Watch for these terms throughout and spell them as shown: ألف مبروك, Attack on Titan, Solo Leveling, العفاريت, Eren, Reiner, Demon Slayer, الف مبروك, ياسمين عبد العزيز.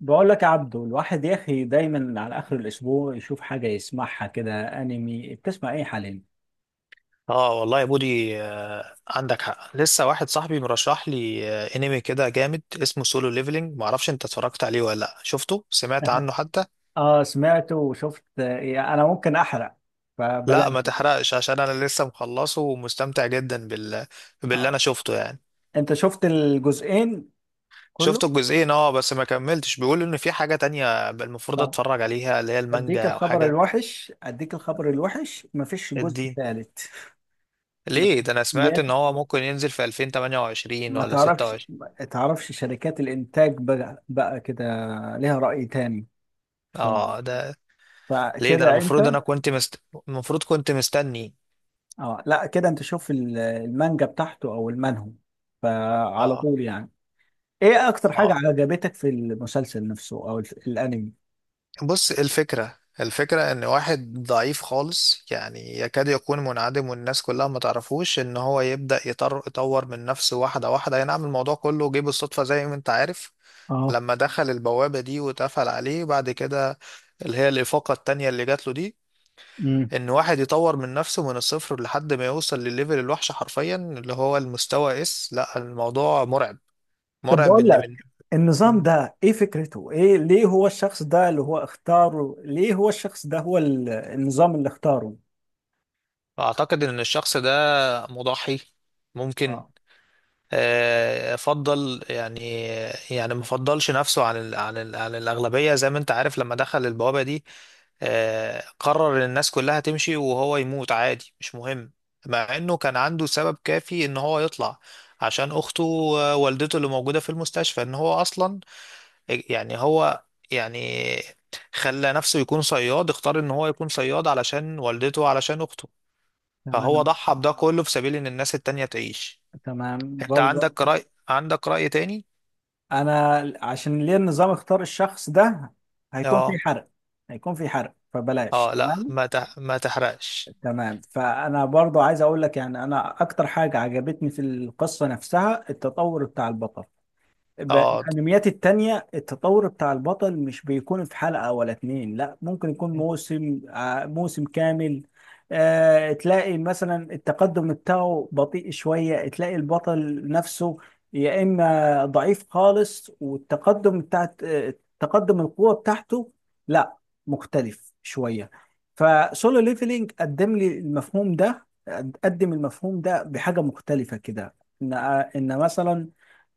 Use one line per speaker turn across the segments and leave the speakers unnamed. بقول لك يا عبدو، الواحد يا اخي دايما على اخر الاسبوع يشوف حاجه يسمعها كده. انمي بتسمع ايه حاليا؟
اه والله يا بودي، عندك حق. لسه واحد صاحبي مرشح لي انمي كده جامد اسمه سولو ليفلينج. معرفش انت اتفرجت عليه ولا لا، شفته، سمعت عنه حتى.
اه سمعت وشفت، يعني انا ممكن احرق
لا ما
فبلاش.
تحرقش عشان انا لسه مخلصه ومستمتع جدا باللي انا
اه
شفته يعني.
انت شفت الجزئين كله؟
شفت الجزئين اه، بس ما كملتش. بيقول ان في حاجة تانية المفروض
طب
اتفرج عليها اللي هي
اديك
المانجا او
الخبر
حاجة
الوحش، مفيش جزء
الدين.
ثالث. ما-
ليه ده؟ انا
يا
سمعت ان
أخي،
هو ممكن ينزل في 2028
ما
ولا
تعرفش
26.
ما تعرفش شركات الانتاج بقى, كده ليها رأي تاني. ف...
اه ده، ليه ده؟ انا
فكده انت.
المفروض انا كنت مست... المفروض كنت مستني.
اه لا، كده انت شوف المانجا بتاعته او المنهو، فعلى
اه،
طول يعني. ايه اكتر حاجة
اه،
عجبتك في المسلسل نفسه او الانمي؟
بص، الفكرة ان واحد ضعيف خالص يعني يكاد يكون منعدم، والناس كلها ما تعرفوش ان هو يبدأ يطور من نفسه واحدة واحدة. ينعم الموضوع كله جه بالصدفة زي ما انت عارف،
اه.
لما دخل البوابة دي واتقفل عليه بعد كده، اللي هي الإفاقة التانية اللي جات له دي.
امم
ان واحد يطور من نفسه من الصفر لحد ما يوصل للليفل الوحش حرفيا، اللي هو المستوى اس. لا، الموضوع مرعب،
طب
مرعب
بقول
ان من.
لك، النظام ده ايه فكرته؟ ايه ليه هو الشخص ده اللي هو اختاره؟ ليه هو الشخص ده هو النظام اللي اختاره؟
اعتقد ان الشخص ده مضحي، ممكن
اه،
فضل يعني. يعني ما فضلش نفسه عن الأغلبية زي ما انت عارف. لما دخل البوابة دي، قرر ان الناس كلها تمشي وهو يموت عادي، مش مهم. مع انه كان عنده سبب كافي ان هو يطلع عشان اخته ووالدته اللي موجودة في المستشفى، ان هو اصلا، يعني هو، يعني خلى نفسه يكون صياد، اختار ان هو يكون صياد علشان والدته علشان اخته. فهو
تمام.
ضحى بده كله في سبيل ان الناس التانية تعيش.
تمام
انت
برضه.
عندك رأي، عندك رأي تاني؟
انا عشان ليه النظام اختار الشخص ده، هيكون في
اه،
حرق. هيكون في حرق فبلاش،
اه لا
تمام.
ما تح... ما تحرقش.
تمام، فانا برضو عايز اقول لك يعني انا اكتر حاجه عجبتني في القصه نفسها التطور بتاع البطل. ب-
اه
الانميات التانية التطور بتاع البطل مش بيكون في حلقة ولا اتنين، لا ممكن يكون موسم موسم كامل. تلاقي مثلا التقدم بتاعه بطيء شوية، تلاقي البطل نفسه يا اما ضعيف خالص، والتقدم بتاعت تقدم القوة بتاعته لا مختلف شوية. فسولو ليفلينج قدم لي المفهوم ده، قدم المفهوم ده بحاجة مختلفة كده. ان ان مثلا،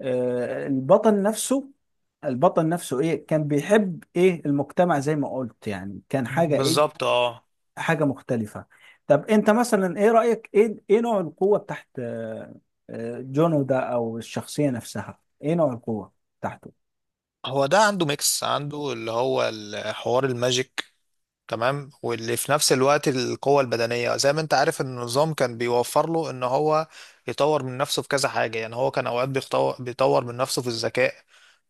آه، البطل نفسه البطل نفسه ايه كان بيحب، ايه المجتمع زي ما قلت، يعني كان حاجة ايه،
بالظبط اه.
حاجة مختلفة. طب انت مثلا ايه رأيك؟ ايه نوع القوة تحت جونو ده او الشخصية نفسها؟ ايه نوع القوة تحته؟
هو ده عنده ميكس، عنده اللي هو الحوار الماجيك تمام، واللي في نفس الوقت القوة البدنية، زي ما انت عارف ان النظام كان بيوفر له ان هو يطور من نفسه في كذا حاجة. يعني هو كان اوقات بيطور من نفسه في الذكاء،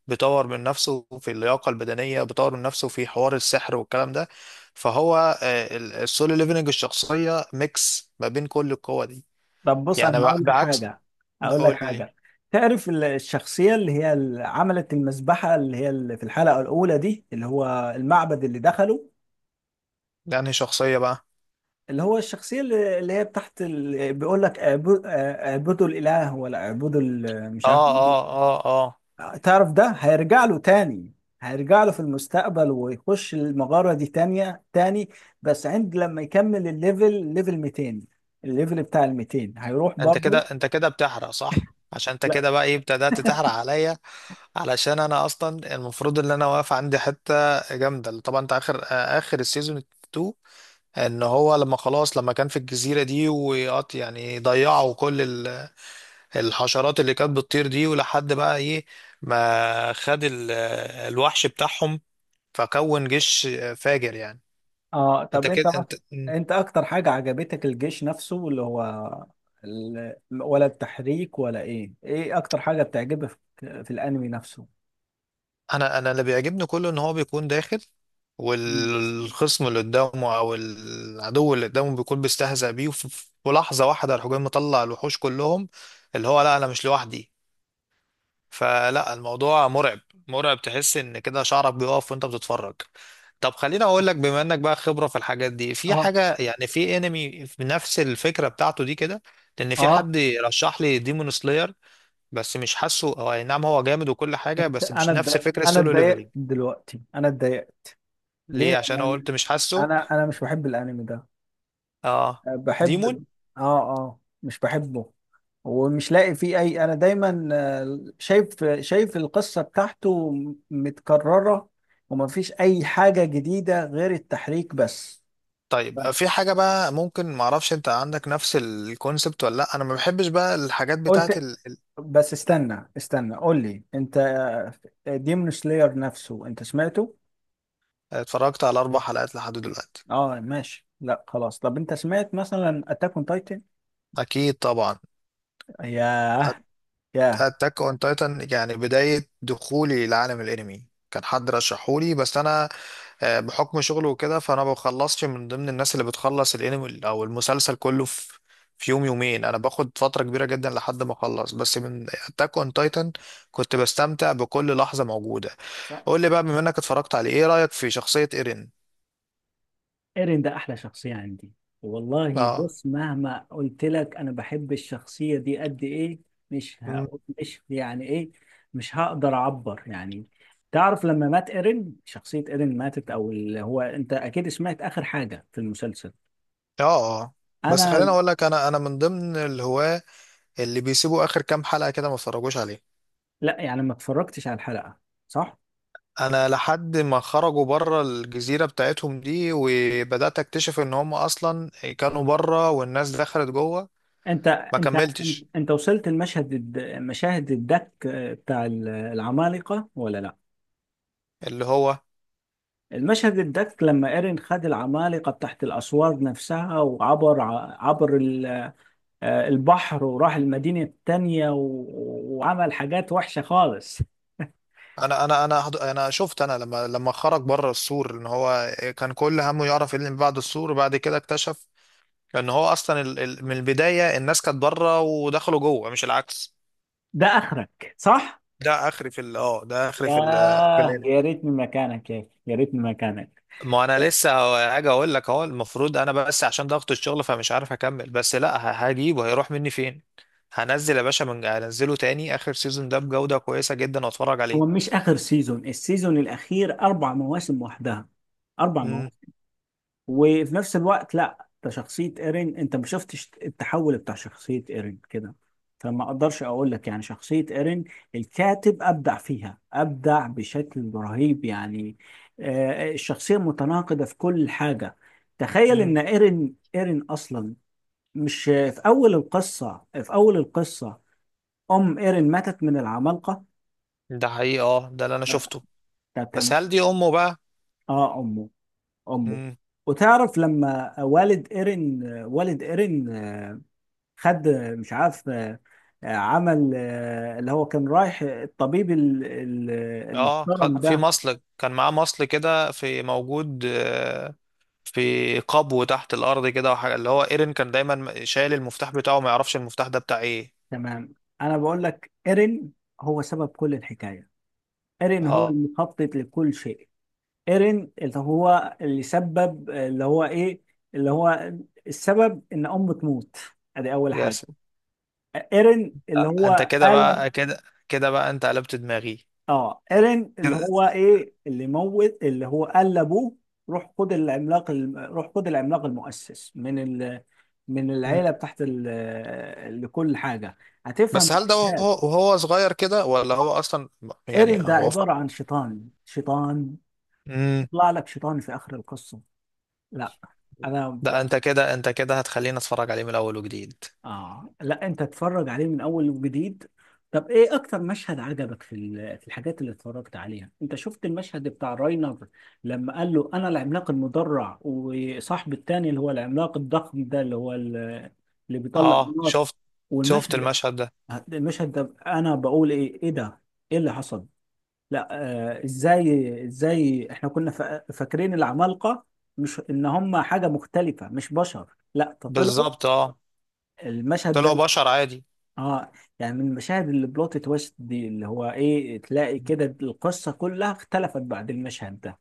بيطور من نفسه في اللياقة البدنية، بيطور من نفسه في حوار السحر والكلام ده. فهو السولو ليفلنج الشخصية ميكس ما بين كل القوة دي.
طب بص
يعني
انا هقول لك
بعكس.
حاجة، هقول لك
قول لي.
حاجة تعرف الشخصية اللي هي اللي عملت المذبحة اللي هي اللي في الحلقة الأولى دي اللي هو المعبد اللي دخله؟
يعني شخصية بقى.
اللي هو الشخصية اللي هي تحت بيقول لك اعبدوا، اعبدوا الإله ولا اعبدوا مش
اه،
عارف.
اه، اه، اه.
تعرف ده هيرجع له تاني، هيرجع له في المستقبل ويخش المغارة دي تانية تاني بس عند لما يكمل الليفل، ليفل 200. الليفل بتاع ال 200 هيروح
انت كده،
برضه.
انت كده بتحرق صح؟ عشان انت
لا.
كده بقى ايه، ابتدأت تحرق عليا. علشان انا اصلا المفروض ان انا واقف عندي حتة جامدة طبعا. انت اخر اخر السيزون 2 ان هو لما خلاص، لما كان في الجزيرة دي وقط، يعني ضيعوا كل الحشرات اللي كانت بتطير دي، ولحد بقى ايه، ما خد الوحش بتاعهم، فكون جيش فاجر يعني.
اه
انت
طب انت
كده، انت.
مثلا، انت اكتر حاجة عجبتك الجيش نفسه اللي هو ال... ولا التحريك، ولا ايه؟ ايه اكتر حاجة بتعجبك في الانمي نفسه؟
انا اللي بيعجبني كله ان هو بيكون داخل
مم.
والخصم اللي قدامه او العدو اللي قدامه بيكون بيستهزأ بيه، وفي لحظة واحدة الحجام مطلع الوحوش كلهم. اللي هو، لا، انا مش لوحدي. فلا، الموضوع مرعب، مرعب، تحس ان كده شعرك بيقف وانت بتتفرج. طب خليني اقول لك، بما انك بقى خبرة في الحاجات دي، في
اه
حاجة يعني في انمي بنفس الفكرة بتاعته دي كده؟ لان في
اه.
حد رشح لي ديمون سلاير، بس مش حاسه. هو اي نعم هو جامد وكل حاجة،
انت
بس مش نفس فكرة
انا
سولو
اتضايقت
ليفلينج.
دلوقتي، انا اتضايقت.
ليه؟
ليه؟
عشان أنا
انا
قلت مش حاسه؟
انا انا مش بحب الانمي ده.
اه، ديمون.
بحب. اه اه مش بحبه، ومش لاقي فيه اي، انا دايما شايف القصة بتاعته متكررة، وما فيش اي حاجة جديدة غير التحريك بس.
طيب في حاجة بقى ممكن، معرفش انت عندك نفس الكونسبت ولا لا؟ انا ما بحبش بقى الحاجات بتاعت
قلت، بس استنى قول لي انت، ديمون سلاير نفسه انت سمعته؟
اتفرجت على اربع حلقات لحد دلوقتي.
اه ماشي، لا خلاص. طب انت سمعت مثلا اتاك اون تايتن؟
اكيد طبعا.
ياه، ياه.
اتاك اون تايتن، يعني بدايه دخولي لعالم الانمي كان حد رشحولي، بس انا بحكم شغله وكده، فانا ما بخلصش من ضمن الناس اللي بتخلص الانمي او المسلسل كله في يوم يومين. انا باخد فتره كبيره جدا لحد ما اخلص، بس من اتاك اون تايتن كنت بستمتع بكل لحظه موجوده. قول لي بقى، بما انك اتفرجت عليه، ايه رايك في شخصيه ايرين؟
ايرين ده احلى شخصية عندي والله.
اه.
بص مهما قلت لك انا بحب الشخصية دي قد ايه،
م.
مش يعني ايه، مش هقدر اعبر يعني. تعرف لما مات ايرين، شخصية ايرين ماتت، او اللي هو انت اكيد سمعت اخر حاجة في المسلسل.
اه، اه. بس
انا.
خليني اقول لك، انا من ضمن الهواه اللي بيسيبوا اخر كام حلقه كده، ما اتفرجوش عليه.
لا، يعني ما اتفرجتش على الحلقة، صح؟
انا لحد ما خرجوا بره الجزيره بتاعتهم دي، وبدات اكتشف ان هم اصلا كانوا بره والناس دخلت جوه،
انت
ما
انت
كملتش.
انت وصلت المشهد، المشاهد الدك بتاع العمالقة ولا لا؟
اللي هو
المشهد ده لما ايرين خد العمالقة تحت الأسوار نفسها، وعبر عبر البحر وراح المدينة التانية وعمل حاجات وحشة خالص.
انا شفت. انا لما خرج بره السور، ان هو كان كل همه يعرف ايه اللي بعد السور. وبعد كده اكتشف ان هو اصلا من البدايه الناس كانت بره ودخلوا جوه، مش العكس.
ده آخرك صح؟
ده اخري في ال- في
ياه،
الانمي.
يا ريتني مكانك يا أخي، يا ريتني مكانك.
ما انا لسه هاجي اقول لك اهو المفروض، انا بس عشان ضغط الشغل فمش عارف اكمل. بس لا هجيبه، هيروح مني فين؟ هنزل يا باشا، من هنزله تاني اخر سيزون ده بجودة كويسة جدا، واتفرج
هو
عليه.
مش آخر سيزون، السيزون الأخير أربع مواسم وحدها، أربع
امم.
مواسم. وفي نفس الوقت لا، ده شخصية ايرين، انت ما شفتش التحول بتاع شخصية ايرين كده، فما اقدرش اقول لك يعني. شخصية ايرين الكاتب ابدع فيها، ابدع بشكل رهيب يعني. الشخصية متناقضة في كل حاجة. تخيل
امم.
ان ايرين اصلا، مش في اول القصة في اول القصة ام ايرين ماتت من العمالقة.
ده حقيقي اه، ده اللي انا شفته.
طب
بس
تمام.
هل دي امه بقى؟
اه امه، امه.
امم.
وتعرف لما والد ايرين، والد ايرين خد، مش عارف عمل اللي هو كان رايح الطبيب
اه،
المحترم
خد في
ده.
مصل، كان معاه مصل كده في موجود، في قبو تحت الارض كده، وحاجة اللي هو ايرين كان دايما شايل المفتاح بتاعه، ما يعرفش المفتاح ده بتاع ايه.
تمام. انا بقول لك، ايرين هو سبب كل الحكايه، ايرين هو
اه.
المخطط لكل شيء. ايرين اللي هو اللي سبب، اللي هو ايه، اللي هو السبب ان امه تموت، ادي اول
يا.
حاجه. ايرين اللي
لا، انت
هو
كده
قال،
بقى، كده، كده بقى انت قلبت دماغي
اه ايرين اللي
كده.
هو ايه اللي موت، اللي هو قال لابوه روح خد روح خد العملاق المؤسس من من العيله
مم.
بتاعت لكل حاجه هتفهم
بس هل ده
الأحداث.
وهو, وهو صغير كده ولا هو اصلا؟ يعني
ايرين ده
هو ف...
عباره عن شيطان، شيطان
مم.
يطلع لك شيطان في اخر القصه. لا انا.
ده انت كده، انت كده هتخليني اتفرج عليه من الاول وجديد.
اه لا، انت تتفرج عليه من اول وجديد. طب ايه اكتر مشهد عجبك في في الحاجات اللي اتفرجت عليها؟ انت شفت المشهد بتاع راينر لما قال له انا العملاق المدرع، وصاحبي التاني اللي هو العملاق الضخم ده اللي هو اللي بيطلع
اه
النار؟
شفت. شفت
والمشهد،
المشهد ده.
المشهد ده انا بقول ايه، ايه ده، ايه اللي حصل؟ لا. آه ازاي احنا كنا فاكرين العمالقة مش ان هم حاجة مختلفة، مش بشر، لا ده طلعوا،
بالظبط اه.
المشهد
طلعوا
ده
بشر عادي.
اه. يعني من المشاهد اللي بلوت تويست دي اللي هو ايه، تلاقي كده القصه كلها اختلفت بعد المشهد ده.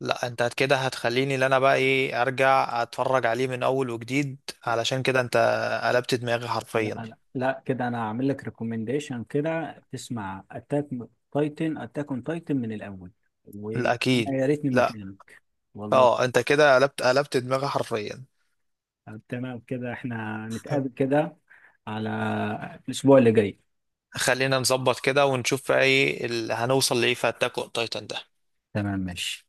لا، انت كده هتخليني اللي انا بقى ايه ارجع اتفرج عليه من اول وجديد، علشان كده انت قلبت دماغي حرفيا.
لا كده انا هعمل لك ريكومنديشن كده، تسمع اتاك اون تايتن من الاول. وانا
لا اكيد،
يا ريتني
لا.
مكانك والله.
اه، انت كده قلبت دماغي حرفيا.
طب تمام، كده احنا نتقابل كده على الاسبوع اللي جاي.
خلينا نظبط كده ونشوف ايه اللي هنوصل لايه في اتاك اون تايتن ده.
تمام ماشي.